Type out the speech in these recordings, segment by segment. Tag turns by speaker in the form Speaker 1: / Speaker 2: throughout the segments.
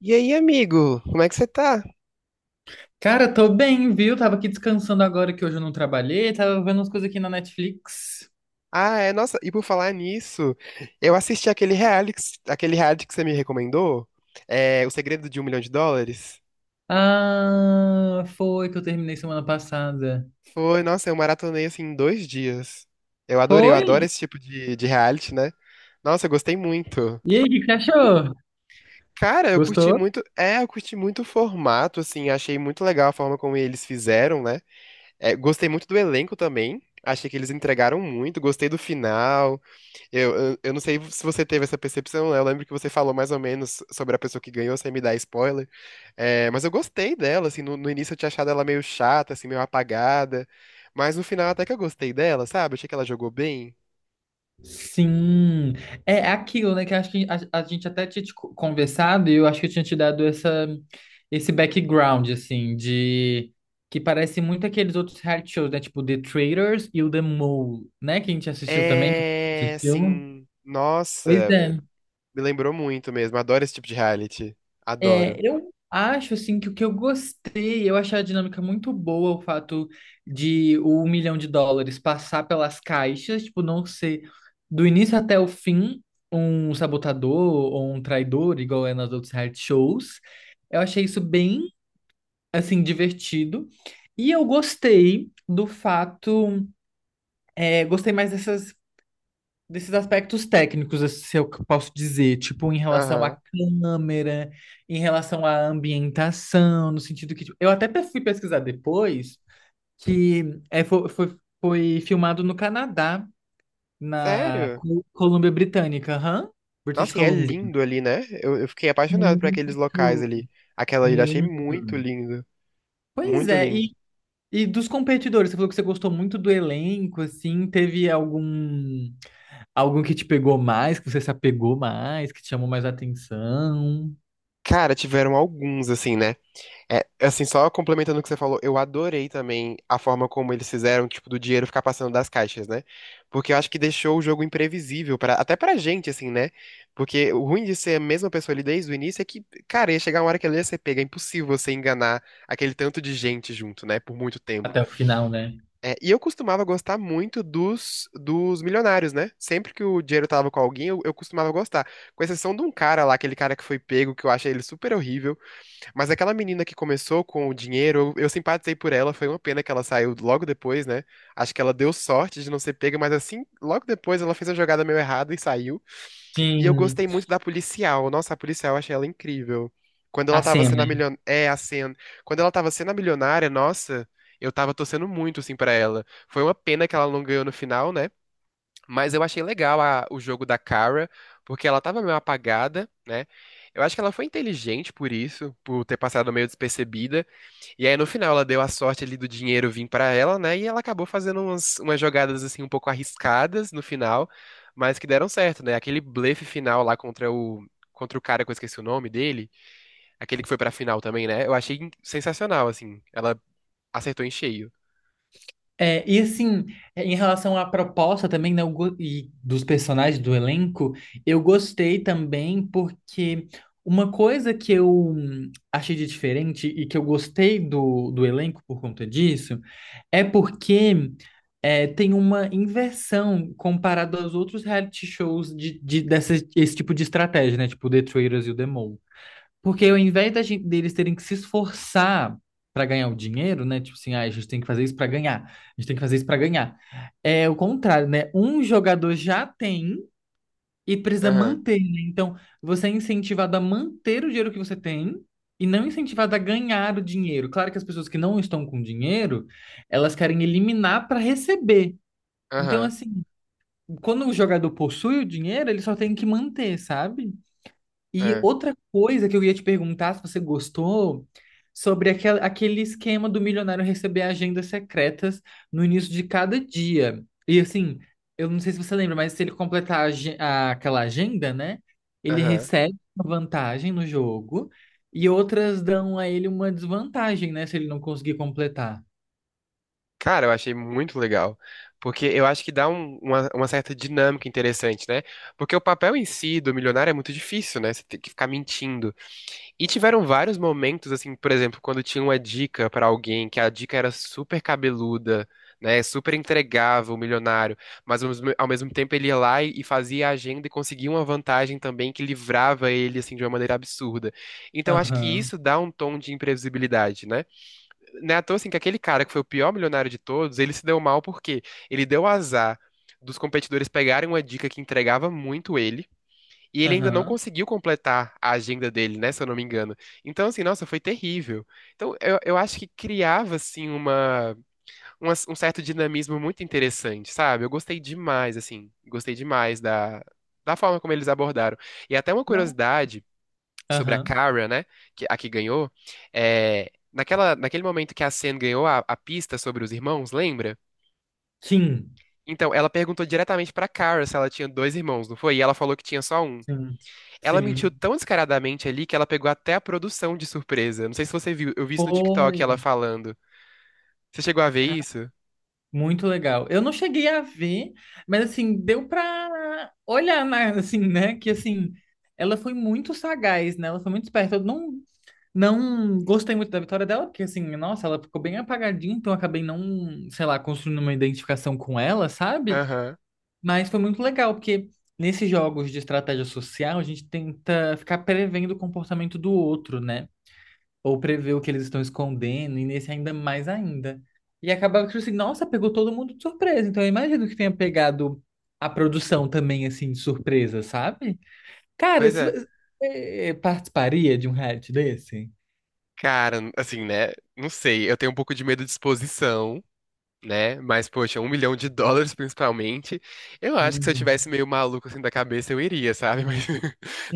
Speaker 1: E aí, amigo, como é que você tá?
Speaker 2: Cara, tô bem, viu? Tava aqui descansando agora que hoje eu não trabalhei, tava vendo umas coisas aqui na Netflix.
Speaker 1: Ah, é, nossa, e por falar nisso, eu assisti aquele reality, que você me recomendou, O Segredo de um Milhão de Dólares.
Speaker 2: Ah, foi que eu terminei semana passada.
Speaker 1: Foi, nossa, eu maratonei assim em dois dias. Eu adorei, eu adoro
Speaker 2: Foi?
Speaker 1: esse tipo de reality, né? Nossa, eu gostei muito.
Speaker 2: E aí, o que que você achou?
Speaker 1: Cara, eu curti
Speaker 2: Gostou?
Speaker 1: muito, eu curti muito o formato, assim, achei muito legal a forma como eles fizeram, né? É, gostei muito do elenco também, achei que eles entregaram muito, gostei do final. Eu não sei se você teve essa percepção, né? Eu lembro que você falou mais ou menos sobre a pessoa que ganhou, sem me dar spoiler. É, mas eu gostei dela, assim, no início eu tinha achado ela meio chata, assim, meio apagada. Mas no final até que eu gostei dela, sabe? Achei que ela jogou bem.
Speaker 2: Sim. É aquilo, né? Que eu acho que a gente até tinha te conversado e eu acho que eu tinha te dado essa, esse background, assim, de. Que parece muito aqueles outros reality shows, né? Tipo The Traitors e o The Mole, né? Que a gente assistiu também, que você
Speaker 1: É,
Speaker 2: assistiu.
Speaker 1: assim,
Speaker 2: Pois
Speaker 1: nossa,
Speaker 2: é.
Speaker 1: me lembrou muito mesmo. Adoro esse tipo de reality.
Speaker 2: É,
Speaker 1: Adoro.
Speaker 2: eu acho assim que o que eu gostei, eu achei a dinâmica muito boa, o fato de o US$ 1 milhão passar pelas caixas, tipo, não ser do início até o fim um sabotador ou um traidor, igual é nas outras reality shows. Eu achei isso bem, assim, divertido. E eu gostei do fato, gostei mais dessas desses aspectos técnicos, assim, se eu posso dizer, tipo, em relação à
Speaker 1: Aham.
Speaker 2: câmera, em relação à ambientação, no sentido que, tipo, eu até fui pesquisar depois que foi filmado no Canadá, na
Speaker 1: Sério?
Speaker 2: Colômbia Britânica, aham, British
Speaker 1: Nossa, e é
Speaker 2: Columbia.
Speaker 1: lindo ali, né? Eu fiquei apaixonado por aqueles locais
Speaker 2: Muito,
Speaker 1: ali. Aquela ilha, achei
Speaker 2: muito.
Speaker 1: muito lindo.
Speaker 2: Pois
Speaker 1: Muito
Speaker 2: é,
Speaker 1: lindo.
Speaker 2: e dos competidores, você falou que você gostou muito do elenco, assim, teve algum algum que te pegou mais, que você se apegou mais, que te chamou mais atenção
Speaker 1: Cara, tiveram alguns, assim, né? É, assim, só complementando o que você falou, eu adorei também a forma como eles fizeram, tipo, do dinheiro ficar passando das caixas, né? Porque eu acho que deixou o jogo imprevisível, pra, até pra gente, assim, né? Porque o ruim de ser a mesma pessoa ali desde o início é que, cara, ia chegar uma hora que ela ia ser pega, é impossível você enganar aquele tanto de gente junto, né? Por muito tempo.
Speaker 2: até o final, né?
Speaker 1: É, e eu costumava gostar muito dos milionários, né? Sempre que o dinheiro tava com alguém, eu costumava gostar. Com exceção de um cara lá, aquele cara que foi pego, que eu achei ele super horrível. Mas aquela menina que começou com o dinheiro, eu simpatizei por ela, foi uma pena que ela saiu logo depois, né? Acho que ela deu sorte de não ser pega, mas assim, logo depois ela fez a jogada meio errada e saiu. E eu
Speaker 2: Sim,
Speaker 1: gostei muito da policial. Nossa, a policial, eu achei ela incrível. Quando ela
Speaker 2: a
Speaker 1: tava
Speaker 2: Sam,
Speaker 1: sendo a
Speaker 2: né?
Speaker 1: milionária, é, a Sen. Quando ela tava sendo a milionária, nossa, eu tava torcendo muito, assim, pra ela. Foi uma pena que ela não ganhou no final, né? Mas eu achei legal o jogo da Kara, porque ela tava meio apagada, né? Eu acho que ela foi inteligente por isso, por ter passado meio despercebida. E aí no final ela deu a sorte ali do dinheiro vir pra ela, né? E ela acabou fazendo umas, umas jogadas assim um pouco arriscadas no final, mas que deram certo, né? Aquele blefe final lá contra o cara que eu esqueci o nome dele, aquele que foi pra final também, né? Eu achei sensacional assim. Ela acertou em cheio.
Speaker 2: É, e assim, em relação à proposta também, né, eu e dos personagens do elenco, eu gostei também porque uma coisa que eu achei de diferente e que eu gostei do elenco por conta disso é porque tem uma inversão comparado aos outros reality shows dessa, esse tipo de estratégia, né? Tipo The Traitors e o The Mole. Porque ao invés da gente, deles terem que se esforçar para ganhar o dinheiro, né? Tipo assim, ah, a gente tem que fazer isso para ganhar, a gente tem que fazer isso para ganhar. É o contrário, né? Um jogador já tem e precisa
Speaker 1: Aham,
Speaker 2: manter, né? Então, você é incentivado a manter o dinheiro que você tem. E não incentivado a ganhar o dinheiro. Claro que as pessoas que não estão com dinheiro, elas querem eliminar para receber. Então,
Speaker 1: aham,
Speaker 2: assim, quando o jogador possui o dinheiro, ele só tem que manter, sabe? E
Speaker 1: é,
Speaker 2: outra coisa que eu ia te perguntar, se você gostou, sobre aquele esquema do milionário receber agendas secretas no início de cada dia. E assim, eu não sei se você lembra, mas se ele completar aquela agenda, né? Ele
Speaker 1: aham.
Speaker 2: recebe uma vantagem no jogo e outras dão a ele uma desvantagem, né? Se ele não conseguir completar.
Speaker 1: Cara, eu achei muito legal. Porque eu acho que dá uma certa dinâmica interessante, né? Porque o papel em si do milionário é muito difícil, né? Você tem que ficar mentindo. E tiveram vários momentos, assim, por exemplo, quando tinha uma dica pra alguém, que a dica era super cabeluda, né? Super entregava o milionário. Mas ao mesmo tempo ele ia lá e fazia a agenda e conseguia uma vantagem também que livrava ele, assim, de uma maneira absurda. Então acho que
Speaker 2: Aham,
Speaker 1: isso dá um tom de imprevisibilidade, né? Não é à toa, assim, que aquele cara que foi o pior milionário de todos, ele se deu mal porque ele deu azar dos competidores pegarem uma dica que entregava muito ele, e ele ainda não
Speaker 2: aham.
Speaker 1: conseguiu completar a agenda dele, né, se eu não me engano. Então, assim, nossa, foi terrível. Então, eu acho que criava, assim, um certo dinamismo muito interessante, sabe? Eu gostei demais, assim, gostei demais da, da forma como eles abordaram. E até uma
Speaker 2: Não.
Speaker 1: curiosidade sobre a
Speaker 2: Aham.
Speaker 1: Kara, né? Que, a que ganhou. É, naquele momento que a Sen ganhou a pista sobre os irmãos, lembra?
Speaker 2: Sim.
Speaker 1: Então, ela perguntou diretamente pra Kara se ela tinha dois irmãos, não foi? E ela falou que tinha só um.
Speaker 2: Sim,
Speaker 1: Ela mentiu
Speaker 2: sim.
Speaker 1: tão descaradamente ali que ela pegou até a produção de surpresa. Não sei se você viu, eu vi isso no TikTok ela
Speaker 2: Foi,
Speaker 1: falando. Você chegou a ver
Speaker 2: cara,
Speaker 1: isso?
Speaker 2: muito legal. Eu não cheguei a ver, mas assim, deu pra olhar, né, assim, né? Que assim, ela foi muito sagaz, né? Ela foi muito esperta. Eu não, não gostei muito da vitória dela, porque assim, nossa, ela ficou bem apagadinha, então eu acabei não, sei lá, construindo uma identificação com ela, sabe?
Speaker 1: Aham,
Speaker 2: Mas foi muito legal, porque nesses jogos de estratégia social, a gente tenta ficar prevendo o comportamento do outro, né? Ou prever o que eles estão escondendo, e nesse ainda mais ainda. E acabava que, tipo assim, nossa, pegou todo mundo de surpresa. Então eu imagino que tenha pegado a produção também, assim, de surpresa, sabe? Cara,
Speaker 1: pois
Speaker 2: se
Speaker 1: é.
Speaker 2: você participaria de um reality desse?
Speaker 1: Cara, assim, né? Não sei, eu tenho um pouco de medo de exposição. Né? Mas, poxa, um milhão de dólares principalmente. Eu acho que se eu
Speaker 2: Uhum.
Speaker 1: tivesse meio maluco assim da cabeça, eu iria, sabe? Mas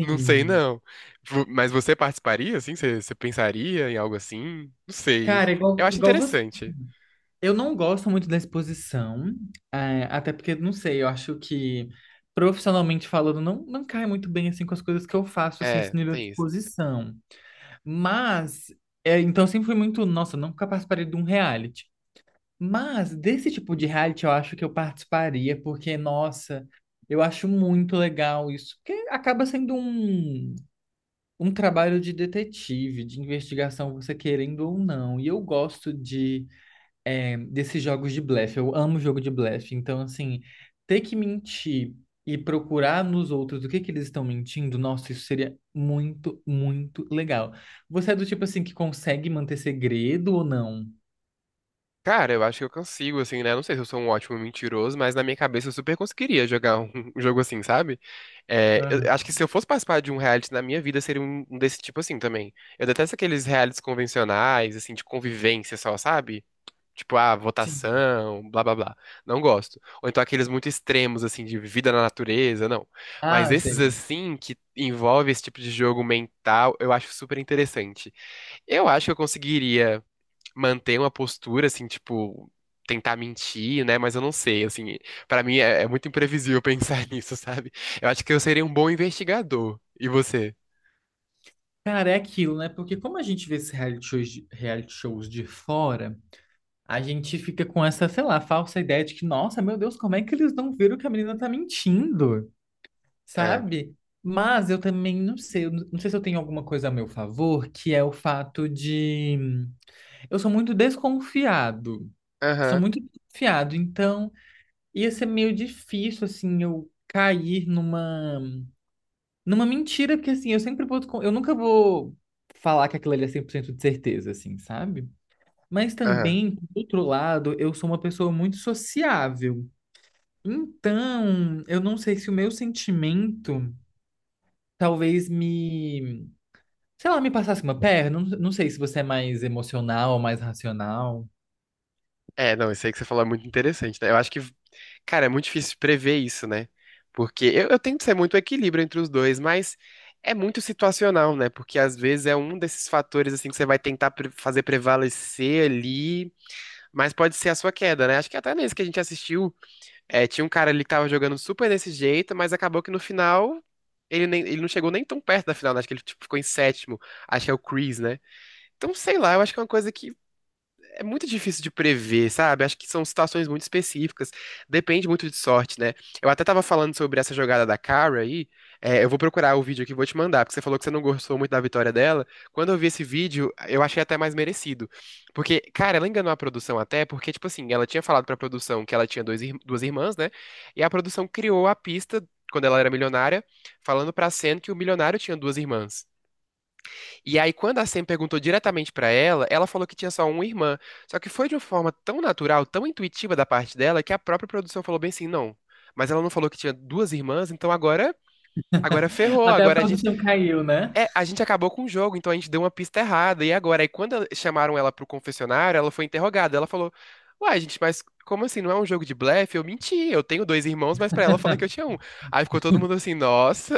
Speaker 1: não sei, não. Mas você participaria, assim? Você pensaria em algo assim? Não sei.
Speaker 2: Cara,
Speaker 1: Eu
Speaker 2: igual,
Speaker 1: acho
Speaker 2: igual você.
Speaker 1: interessante.
Speaker 2: Eu não gosto muito da exposição, até porque, não sei, eu acho que profissionalmente falando, não cai muito bem assim com as coisas que eu faço, assim, esse
Speaker 1: É,
Speaker 2: nível de
Speaker 1: tem isso.
Speaker 2: exposição. Mas, então sempre fui muito, nossa, eu nunca participaria de um reality. Mas desse tipo de reality eu acho que eu participaria, porque, nossa, eu acho muito legal isso. Porque acaba sendo um trabalho de detetive, de investigação, você querendo ou não. E eu gosto de desses jogos de blefe. Eu amo jogo de blefe. Então, assim, ter que mentir e procurar nos outros o que que eles estão mentindo, nossa, isso seria muito, muito legal. Você é do tipo assim que consegue manter segredo ou não?
Speaker 1: Cara, eu acho que eu consigo, assim, né? Não sei se eu sou um ótimo mentiroso, mas na minha cabeça eu super conseguiria jogar um um jogo assim, sabe? É, eu
Speaker 2: Aham.
Speaker 1: acho que se eu fosse participar de um reality na minha vida, seria um desse tipo assim também. Eu detesto aqueles realities convencionais, assim, de convivência só, sabe? Tipo, ah,
Speaker 2: Sim.
Speaker 1: votação, blá blá blá. Não gosto. Ou então aqueles muito extremos, assim, de vida na natureza, não. Mas
Speaker 2: Ah,
Speaker 1: esses,
Speaker 2: sei.
Speaker 1: assim, que envolve esse tipo de jogo mental, eu acho super interessante. Eu acho que eu conseguiria manter uma postura, assim, tipo, tentar mentir, né? Mas eu não sei, assim, pra mim é muito imprevisível pensar nisso, sabe? Eu acho que eu seria um bom investigador. E você?
Speaker 2: Cara, é aquilo, né? Porque como a gente vê esses reality shows, reality shows de fora, a gente fica com essa, sei lá, falsa ideia de que, nossa, meu Deus, como é que eles não viram que a menina tá mentindo?
Speaker 1: É.
Speaker 2: Sabe? Mas eu também não sei, eu não não sei se eu tenho alguma coisa a meu favor, que é o fato de eu sou muito desconfiado. Sou
Speaker 1: Aham,
Speaker 2: muito desconfiado, então ia ser meio difícil assim eu cair numa numa mentira, porque assim, eu sempre vou eu nunca vou falar que aquilo ali é 100% de certeza assim, sabe? Mas
Speaker 1: aham.
Speaker 2: também, por outro lado, eu sou uma pessoa muito sociável. Então, eu não sei se o meu sentimento talvez me se lá, me passasse uma perna, não sei se você é mais emocional ou mais racional.
Speaker 1: É, não, isso aí que você falou é muito interessante, né? Eu acho que, cara, é muito difícil prever isso, né? Porque eu tento ser muito equilíbrio entre os dois, mas é muito situacional, né? Porque às vezes é um desses fatores, assim, que você vai tentar fazer prevalecer ali, mas pode ser a sua queda, né? Acho que até nesse que a gente assistiu, é, tinha um cara ali que tava jogando super desse jeito, mas acabou que no final. Ele não chegou nem tão perto da final, né? Acho que ele tipo, ficou em sétimo. Acho que é o Chris, né? Então, sei lá, eu acho que é uma coisa que é muito difícil de prever, sabe? Acho que são situações muito específicas. Depende muito de sorte, né? Eu até tava falando sobre essa jogada da Cara aí. É, eu vou procurar o vídeo aqui e vou te mandar, porque você falou que você não gostou muito da vitória dela. Quando eu vi esse vídeo, eu achei até mais merecido. Porque, cara, ela enganou a produção até, porque, tipo assim, ela tinha falado pra produção que ela tinha duas irmãs, né? E a produção criou a pista, quando ela era milionária, falando pra Sen que o milionário tinha duas irmãs. E aí, quando a Sam perguntou diretamente pra ela, ela falou que tinha só uma irmã. Só que foi de uma forma tão natural, tão intuitiva da parte dela, que a própria produção falou bem assim, não. Mas ela não falou que tinha duas irmãs, então agora, agora ferrou.
Speaker 2: Até a
Speaker 1: Agora a gente,
Speaker 2: produção caiu, né?
Speaker 1: é, a gente acabou com o jogo, então a gente deu uma pista errada. E agora, aí quando chamaram ela pro confessionário, ela foi interrogada. Ela falou: "Uai, gente, mas como assim? Não é um jogo de blefe? Eu menti. Eu tenho dois irmãos, mas pra ela eu falei que eu tinha um". Aí ficou todo mundo assim: "Nossa,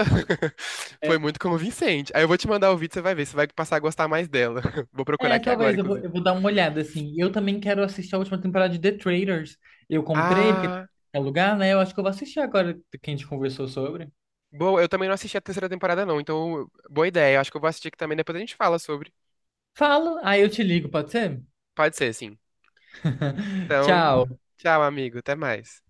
Speaker 1: foi
Speaker 2: É,
Speaker 1: muito convincente. Aí eu vou te mandar o vídeo, você vai ver, você vai passar a gostar mais dela. Vou procurar aqui agora,
Speaker 2: talvez
Speaker 1: inclusive.
Speaker 2: eu vou dar uma olhada, assim. Eu também quero assistir a última temporada de The Traitors. Eu comprei, porque
Speaker 1: Ah,
Speaker 2: é lugar, né? Eu acho que eu vou assistir agora que a gente conversou sobre.
Speaker 1: boa, eu também não assisti a terceira temporada, não, então boa ideia. Eu acho que eu vou assistir aqui também, depois a gente fala sobre.
Speaker 2: Falo, aí eu te ligo, pode ser?
Speaker 1: Pode ser, sim. Então,
Speaker 2: Tchau.
Speaker 1: tchau, amigo, até mais.